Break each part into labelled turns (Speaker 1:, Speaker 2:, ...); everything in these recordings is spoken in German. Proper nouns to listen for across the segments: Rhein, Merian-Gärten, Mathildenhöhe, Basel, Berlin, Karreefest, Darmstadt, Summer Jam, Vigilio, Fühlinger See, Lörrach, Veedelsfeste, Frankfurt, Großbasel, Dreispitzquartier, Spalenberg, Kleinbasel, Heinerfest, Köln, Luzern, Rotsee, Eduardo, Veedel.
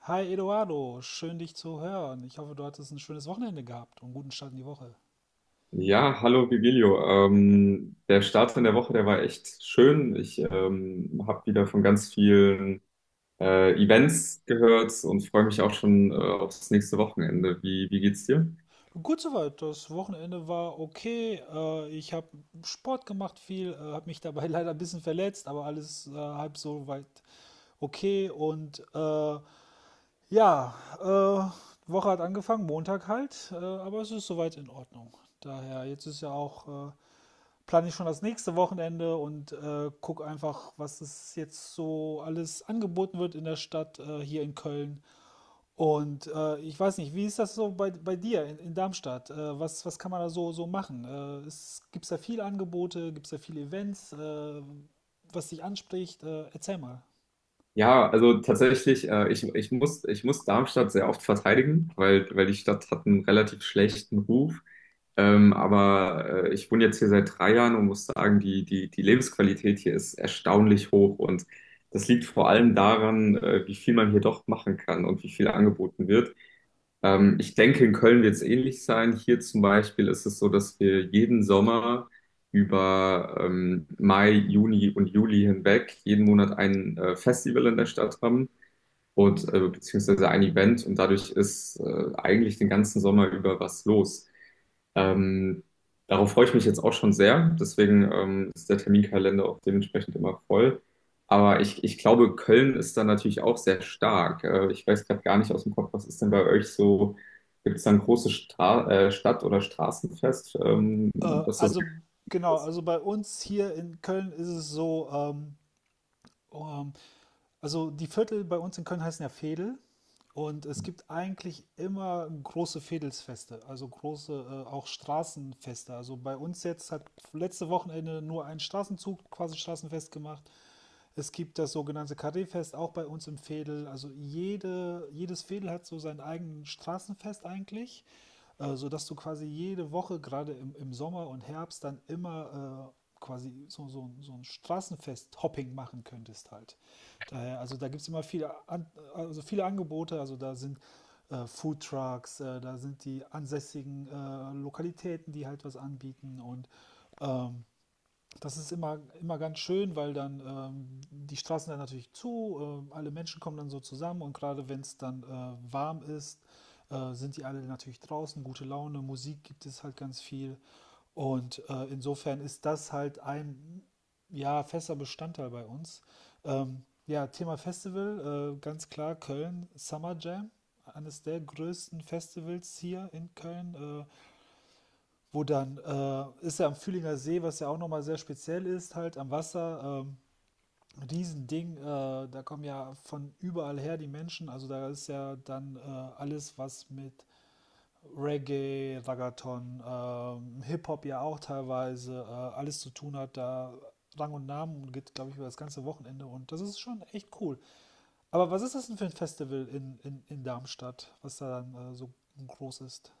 Speaker 1: Hi Eduardo, schön dich zu hören. Ich hoffe, du hattest ein schönes Wochenende gehabt und einen guten Start in die Woche.
Speaker 2: Ja, hallo Vigilio. Der Start in der Woche, der war echt schön. Ich habe wieder von ganz vielen Events gehört und freue mich auch schon aufs nächste Wochenende. Wie geht's dir?
Speaker 1: Gut soweit, das Wochenende war okay. Ich habe Sport gemacht viel, habe mich dabei leider ein bisschen verletzt, aber alles halb so weit okay. Ja, Woche hat angefangen, Montag halt, aber es ist soweit in Ordnung. Daher, jetzt ist ja auch plane ich schon das nächste Wochenende und gucke einfach, was es jetzt so alles angeboten wird in der Stadt hier in Köln. Und ich weiß nicht, wie ist das so bei dir in Darmstadt? Was kann man da so machen? Es, gibt es da viele Angebote? Gibt es da viele Events? Was dich anspricht? Erzähl mal.
Speaker 2: Ja, also tatsächlich, ich muss Darmstadt sehr oft verteidigen, weil die Stadt hat einen relativ schlechten Ruf. Aber ich wohne jetzt hier seit 3 Jahren und muss sagen, die Lebensqualität hier ist erstaunlich hoch. Und das liegt vor allem daran, wie viel man hier doch machen kann und wie viel angeboten wird. Ich denke, in Köln wird es ähnlich sein. Hier zum Beispiel ist es so, dass wir jeden Sommer über Mai, Juni und Juli hinweg jeden Monat ein Festival in der Stadt haben und beziehungsweise ein Event, und dadurch ist eigentlich den ganzen Sommer über was los. Ähm, Darauf freue ich mich jetzt auch schon sehr. Deswegen ist der Terminkalender auch dementsprechend immer voll. Aber ich glaube, Köln ist da natürlich auch sehr stark. Ich weiß gerade gar nicht aus dem Kopf, was ist denn bei euch so? Gibt es da ein großes Stra Stadt- oder Straßenfest,
Speaker 1: Äh,
Speaker 2: was so
Speaker 1: also
Speaker 2: sehr
Speaker 1: genau,
Speaker 2: ist?
Speaker 1: also bei uns hier in Köln ist es so, ähm, also die Viertel bei uns in Köln heißen ja Veedel und es gibt eigentlich immer große Veedelsfeste, also große auch Straßenfeste. Also bei uns jetzt hat letzte Wochenende nur ein Straßenzug quasi Straßenfest gemacht. Es gibt das sogenannte Karreefest auch bei uns im Veedel. Also jedes Veedel hat so sein eigenes Straßenfest eigentlich, sodass du quasi jede Woche, gerade im Sommer und Herbst, dann immer quasi so ein Straßenfest-Hopping machen könntest halt. Daher, also da gibt es immer viele, An also viele Angebote. Also da sind Foodtrucks, da sind die ansässigen Lokalitäten, die halt was anbieten und das ist immer ganz schön, weil dann die Straßen dann natürlich zu, alle Menschen kommen dann so zusammen und gerade wenn es dann warm ist, sind die alle natürlich draußen, gute Laune, Musik gibt es halt ganz viel und insofern ist das halt ein ja, fester Bestandteil bei uns. Ja, Thema Festival, ganz klar Köln, Summer Jam, eines der größten Festivals hier in Köln. Wo dann ist ja am Fühlinger See, was ja auch nochmal sehr speziell ist, halt am Wasser, ein Riesending, da kommen ja von überall her die Menschen, also da ist ja dann alles, was mit Reggae, Raggaeton, Hip-Hop ja auch teilweise, alles zu tun hat, da Rang und Namen und geht, glaube ich, über das ganze Wochenende und das ist schon echt cool. Aber was ist das denn für ein Festival in Darmstadt, was da dann so groß ist?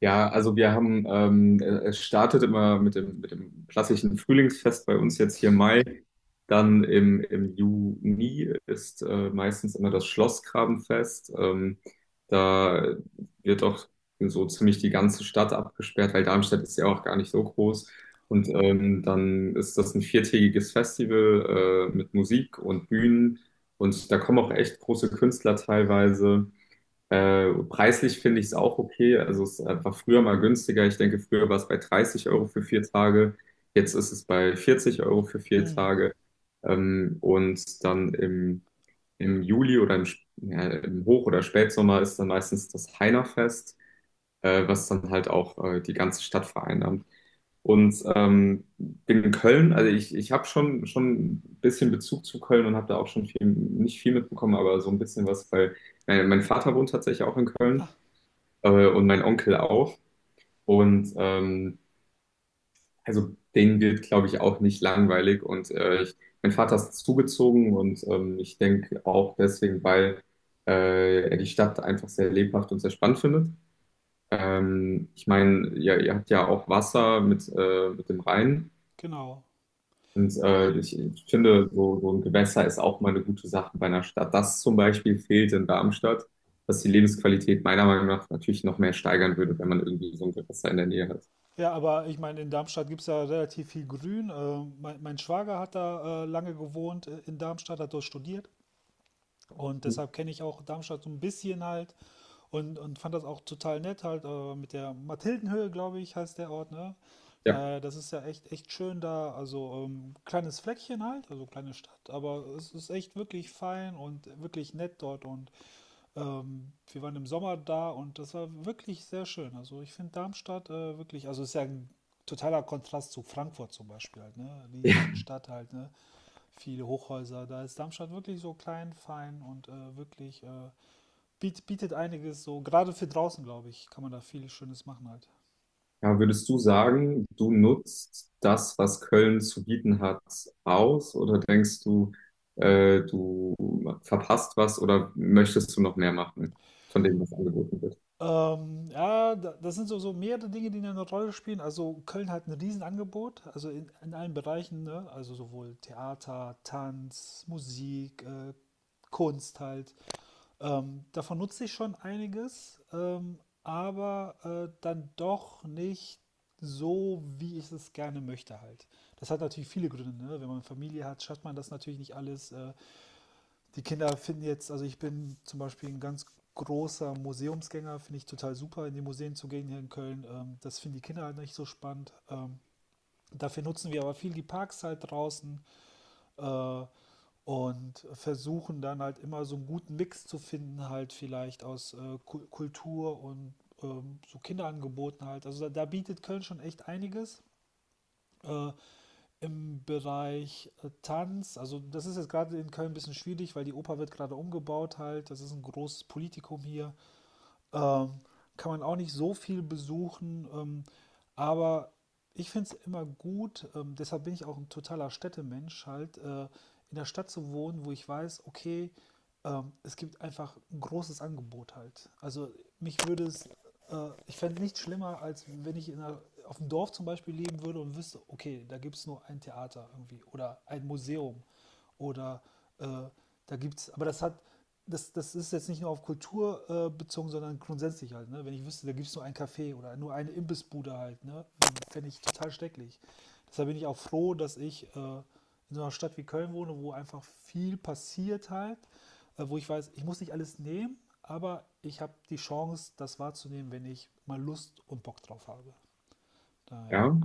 Speaker 2: Ja, also es startet immer mit dem klassischen Frühlingsfest bei uns jetzt hier im Mai. Dann im Juni ist meistens immer das Schlossgrabenfest. Da wird auch so ziemlich die ganze Stadt abgesperrt, weil Darmstadt ist ja auch gar nicht so groß. Und dann ist das ein viertägiges Festival mit Musik und Bühnen. Und da kommen auch echt große Künstler teilweise. Preislich finde ich es auch okay. Also es war früher mal günstiger. Ich denke, früher war es bei 30 € für 4 Tage. Jetzt ist es bei 40 € für vier
Speaker 1: Hm.
Speaker 2: Tage. Und dann im Juli oder im Hoch- oder Spätsommer ist dann meistens das Heinerfest, was dann halt auch die ganze Stadt vereinnahmt. Und bin in Köln, also ich habe schon, schon ein bisschen Bezug zu Köln und habe da auch schon viel, nicht viel mitbekommen, aber so ein bisschen was, weil mein Vater wohnt tatsächlich auch in Köln
Speaker 1: Ah,
Speaker 2: und mein Onkel auch. Und also denen wird, glaube ich, auch nicht langweilig. Und mein Vater ist zugezogen, und ich denke auch deswegen, weil er die Stadt einfach sehr lebhaft und sehr spannend findet. Ich meine, ihr habt ja auch Wasser mit, mit dem Rhein.
Speaker 1: genau.
Speaker 2: Und ich finde, so ein Gewässer ist auch mal eine gute Sache bei einer Stadt. Das zum Beispiel fehlt in Darmstadt, was die Lebensqualität meiner Meinung nach natürlich noch mehr steigern würde, wenn man irgendwie so ein Gewässer in der Nähe hat.
Speaker 1: Ja, aber ich meine, in Darmstadt gibt es ja relativ viel Grün. Mein Schwager hat da lange gewohnt in Darmstadt, hat dort studiert. Und deshalb kenne ich auch Darmstadt so ein bisschen halt und fand das auch total nett halt mit der Mathildenhöhe, glaube ich, heißt der Ort, ne?
Speaker 2: Ja.
Speaker 1: Daher, das ist ja echt, echt schön da. Also kleines Fleckchen halt, also kleine Stadt, aber es ist echt wirklich fein und wirklich nett dort und wir waren im Sommer da und das war wirklich sehr schön. Also ich finde Darmstadt wirklich, also ist ja ein totaler Kontrast zu Frankfurt zum Beispiel halt, ne? Riesenstadt halt, ne? Viele Hochhäuser. Da ist Darmstadt wirklich so klein, fein und wirklich bietet einiges so, gerade für draußen, glaube ich, kann man da viel Schönes machen halt.
Speaker 2: Ja, würdest du sagen, du nutzt das, was Köln zu bieten hat, aus? Oder denkst du, du verpasst was, oder möchtest du noch mehr machen von dem, was angeboten wird?
Speaker 1: Ja, das sind so, so mehrere Dinge, die eine Rolle spielen. Also Köln hat ein Riesenangebot, also in allen Bereichen, ne? Also sowohl Theater, Tanz, Musik, Kunst halt. Davon nutze ich schon einiges, aber dann doch nicht so, wie ich es gerne möchte halt. Das hat natürlich viele Gründe. Ne? Wenn man Familie hat, schafft man das natürlich nicht alles. Die Kinder finden jetzt, also ich bin zum Beispiel ein ganz großer Museumsgänger, finde ich total super, in die Museen zu gehen hier in Köln. Das finden die Kinder halt nicht so spannend. Dafür nutzen wir aber viel die Parks halt draußen. Äh, und versuchen dann halt immer so einen guten Mix zu finden, halt vielleicht aus Kultur und so Kinderangeboten halt. Also da bietet Köln schon echt einiges. Äh, Im Bereich Tanz, also das ist jetzt gerade in Köln ein bisschen schwierig, weil die Oper wird gerade umgebaut halt. Das ist ein großes Politikum hier. Ähm, kann man auch nicht so viel besuchen, aber ich finde es immer gut, deshalb bin ich auch ein totaler Städtemensch, halt in der Stadt zu wohnen, wo ich weiß, okay, es gibt einfach ein großes Angebot halt. Also mich würde es, ich fände es nicht schlimmer, als wenn ich auf dem Dorf zum Beispiel leben würde und wüsste, okay, da gibt es nur ein Theater irgendwie oder ein Museum oder äh, da gibt es, aber das hat, das, das ist jetzt nicht nur auf Kultur bezogen, sondern grundsätzlich halt. Ne? Wenn ich wüsste, da gibt es nur ein Café oder nur eine Imbissbude halt, ne? Fände ich total schrecklich. Deshalb bin ich auch froh, dass ich in so einer Stadt wie Köln wohne, wo einfach viel passiert halt, wo ich weiß, ich muss nicht alles nehmen, aber ich habe die Chance, das wahrzunehmen, wenn ich mal Lust und Bock drauf habe. Daher.
Speaker 2: Ja.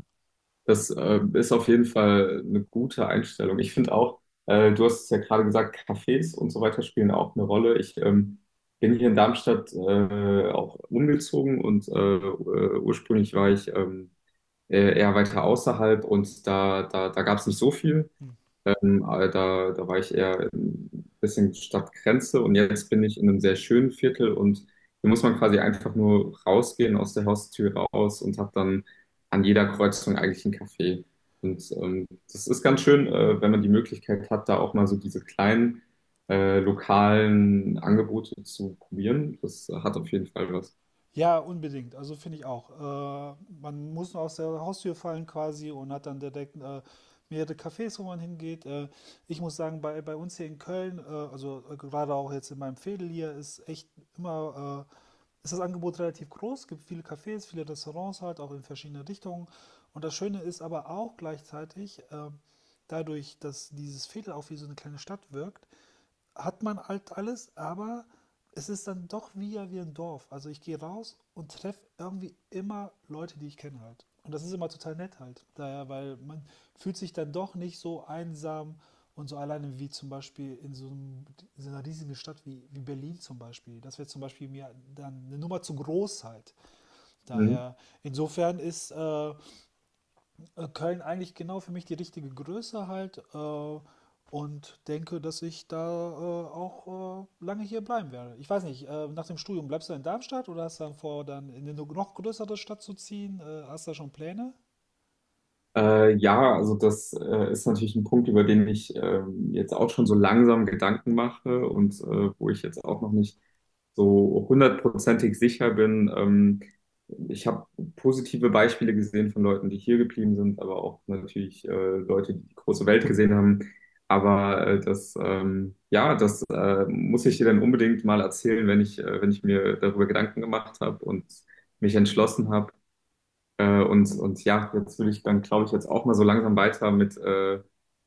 Speaker 2: Das ist auf jeden Fall eine gute Einstellung. Ich finde auch, du hast es ja gerade gesagt, Cafés und so weiter spielen auch eine Rolle. Ich bin hier in Darmstadt auch umgezogen, und ursprünglich war ich eher weiter außerhalb, und da gab es nicht so viel.
Speaker 1: Mhm.
Speaker 2: Aber da war ich eher ein bisschen Stadtgrenze, und jetzt bin ich in einem sehr schönen Viertel, und hier muss man quasi einfach nur rausgehen, aus der Haustür raus, und hat dann an jeder Kreuzung eigentlich einen Café. Und das ist ganz schön, wenn man die Möglichkeit hat, da auch mal so diese kleinen lokalen Angebote zu probieren. Das hat auf jeden Fall was.
Speaker 1: Ja, unbedingt. Also finde ich auch. Äh, man muss nur aus der Haustür fallen quasi und hat dann direkt mehrere Cafés, wo man hingeht. Ich muss sagen, bei uns hier in Köln, gerade auch jetzt in meinem Veedel hier, ist echt ist das Angebot relativ groß. Es gibt viele Cafés, viele Restaurants halt, auch in verschiedene Richtungen. Und das Schöne ist aber auch gleichzeitig, dadurch, dass dieses Veedel auch wie so eine kleine Stadt wirkt, hat man halt alles, aber es ist dann doch wie, ja, wie ein Dorf. Also ich gehe raus und treffe irgendwie immer Leute, die ich kenne halt. Und das ist immer total nett halt. Daher, weil man fühlt sich dann doch nicht so einsam und so alleine wie zum Beispiel in in so einer riesigen Stadt wie Berlin zum Beispiel. Das wäre zum Beispiel mir dann eine Nummer zu groß halt.
Speaker 2: Mhm.
Speaker 1: Daher, insofern ist Köln eigentlich genau für mich die richtige Größe halt und denke, dass ich da auch lange hier bleiben werde. Ich weiß nicht, nach dem Studium bleibst du in Darmstadt oder hast du dann vor, dann in eine noch größere Stadt zu ziehen? Hast du da schon Pläne?
Speaker 2: Ja, also das ist natürlich ein Punkt, über den ich jetzt auch schon so langsam Gedanken mache, und wo ich jetzt auch noch nicht so hundertprozentig sicher bin. Ich habe positive Beispiele gesehen von Leuten, die hier geblieben sind, aber auch natürlich Leute, die die große Welt gesehen haben. Aber ja, das muss ich dir dann unbedingt mal erzählen, wenn ich, wenn ich mir darüber Gedanken gemacht habe und mich entschlossen habe. Und ja, jetzt will ich dann, glaube ich, jetzt auch mal so langsam weiter mit, äh,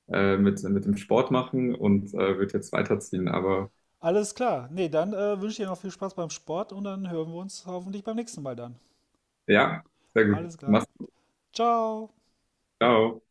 Speaker 2: äh, mit, mit dem Sport machen und wird jetzt weiterziehen. Aber
Speaker 1: Alles klar. Nee, dann wünsche ich dir noch viel Spaß beim Sport und dann hören wir uns hoffentlich beim nächsten Mal dann.
Speaker 2: ja, sehr gut.
Speaker 1: Alles klar.
Speaker 2: Mach's gut.
Speaker 1: Ciao.
Speaker 2: Ciao.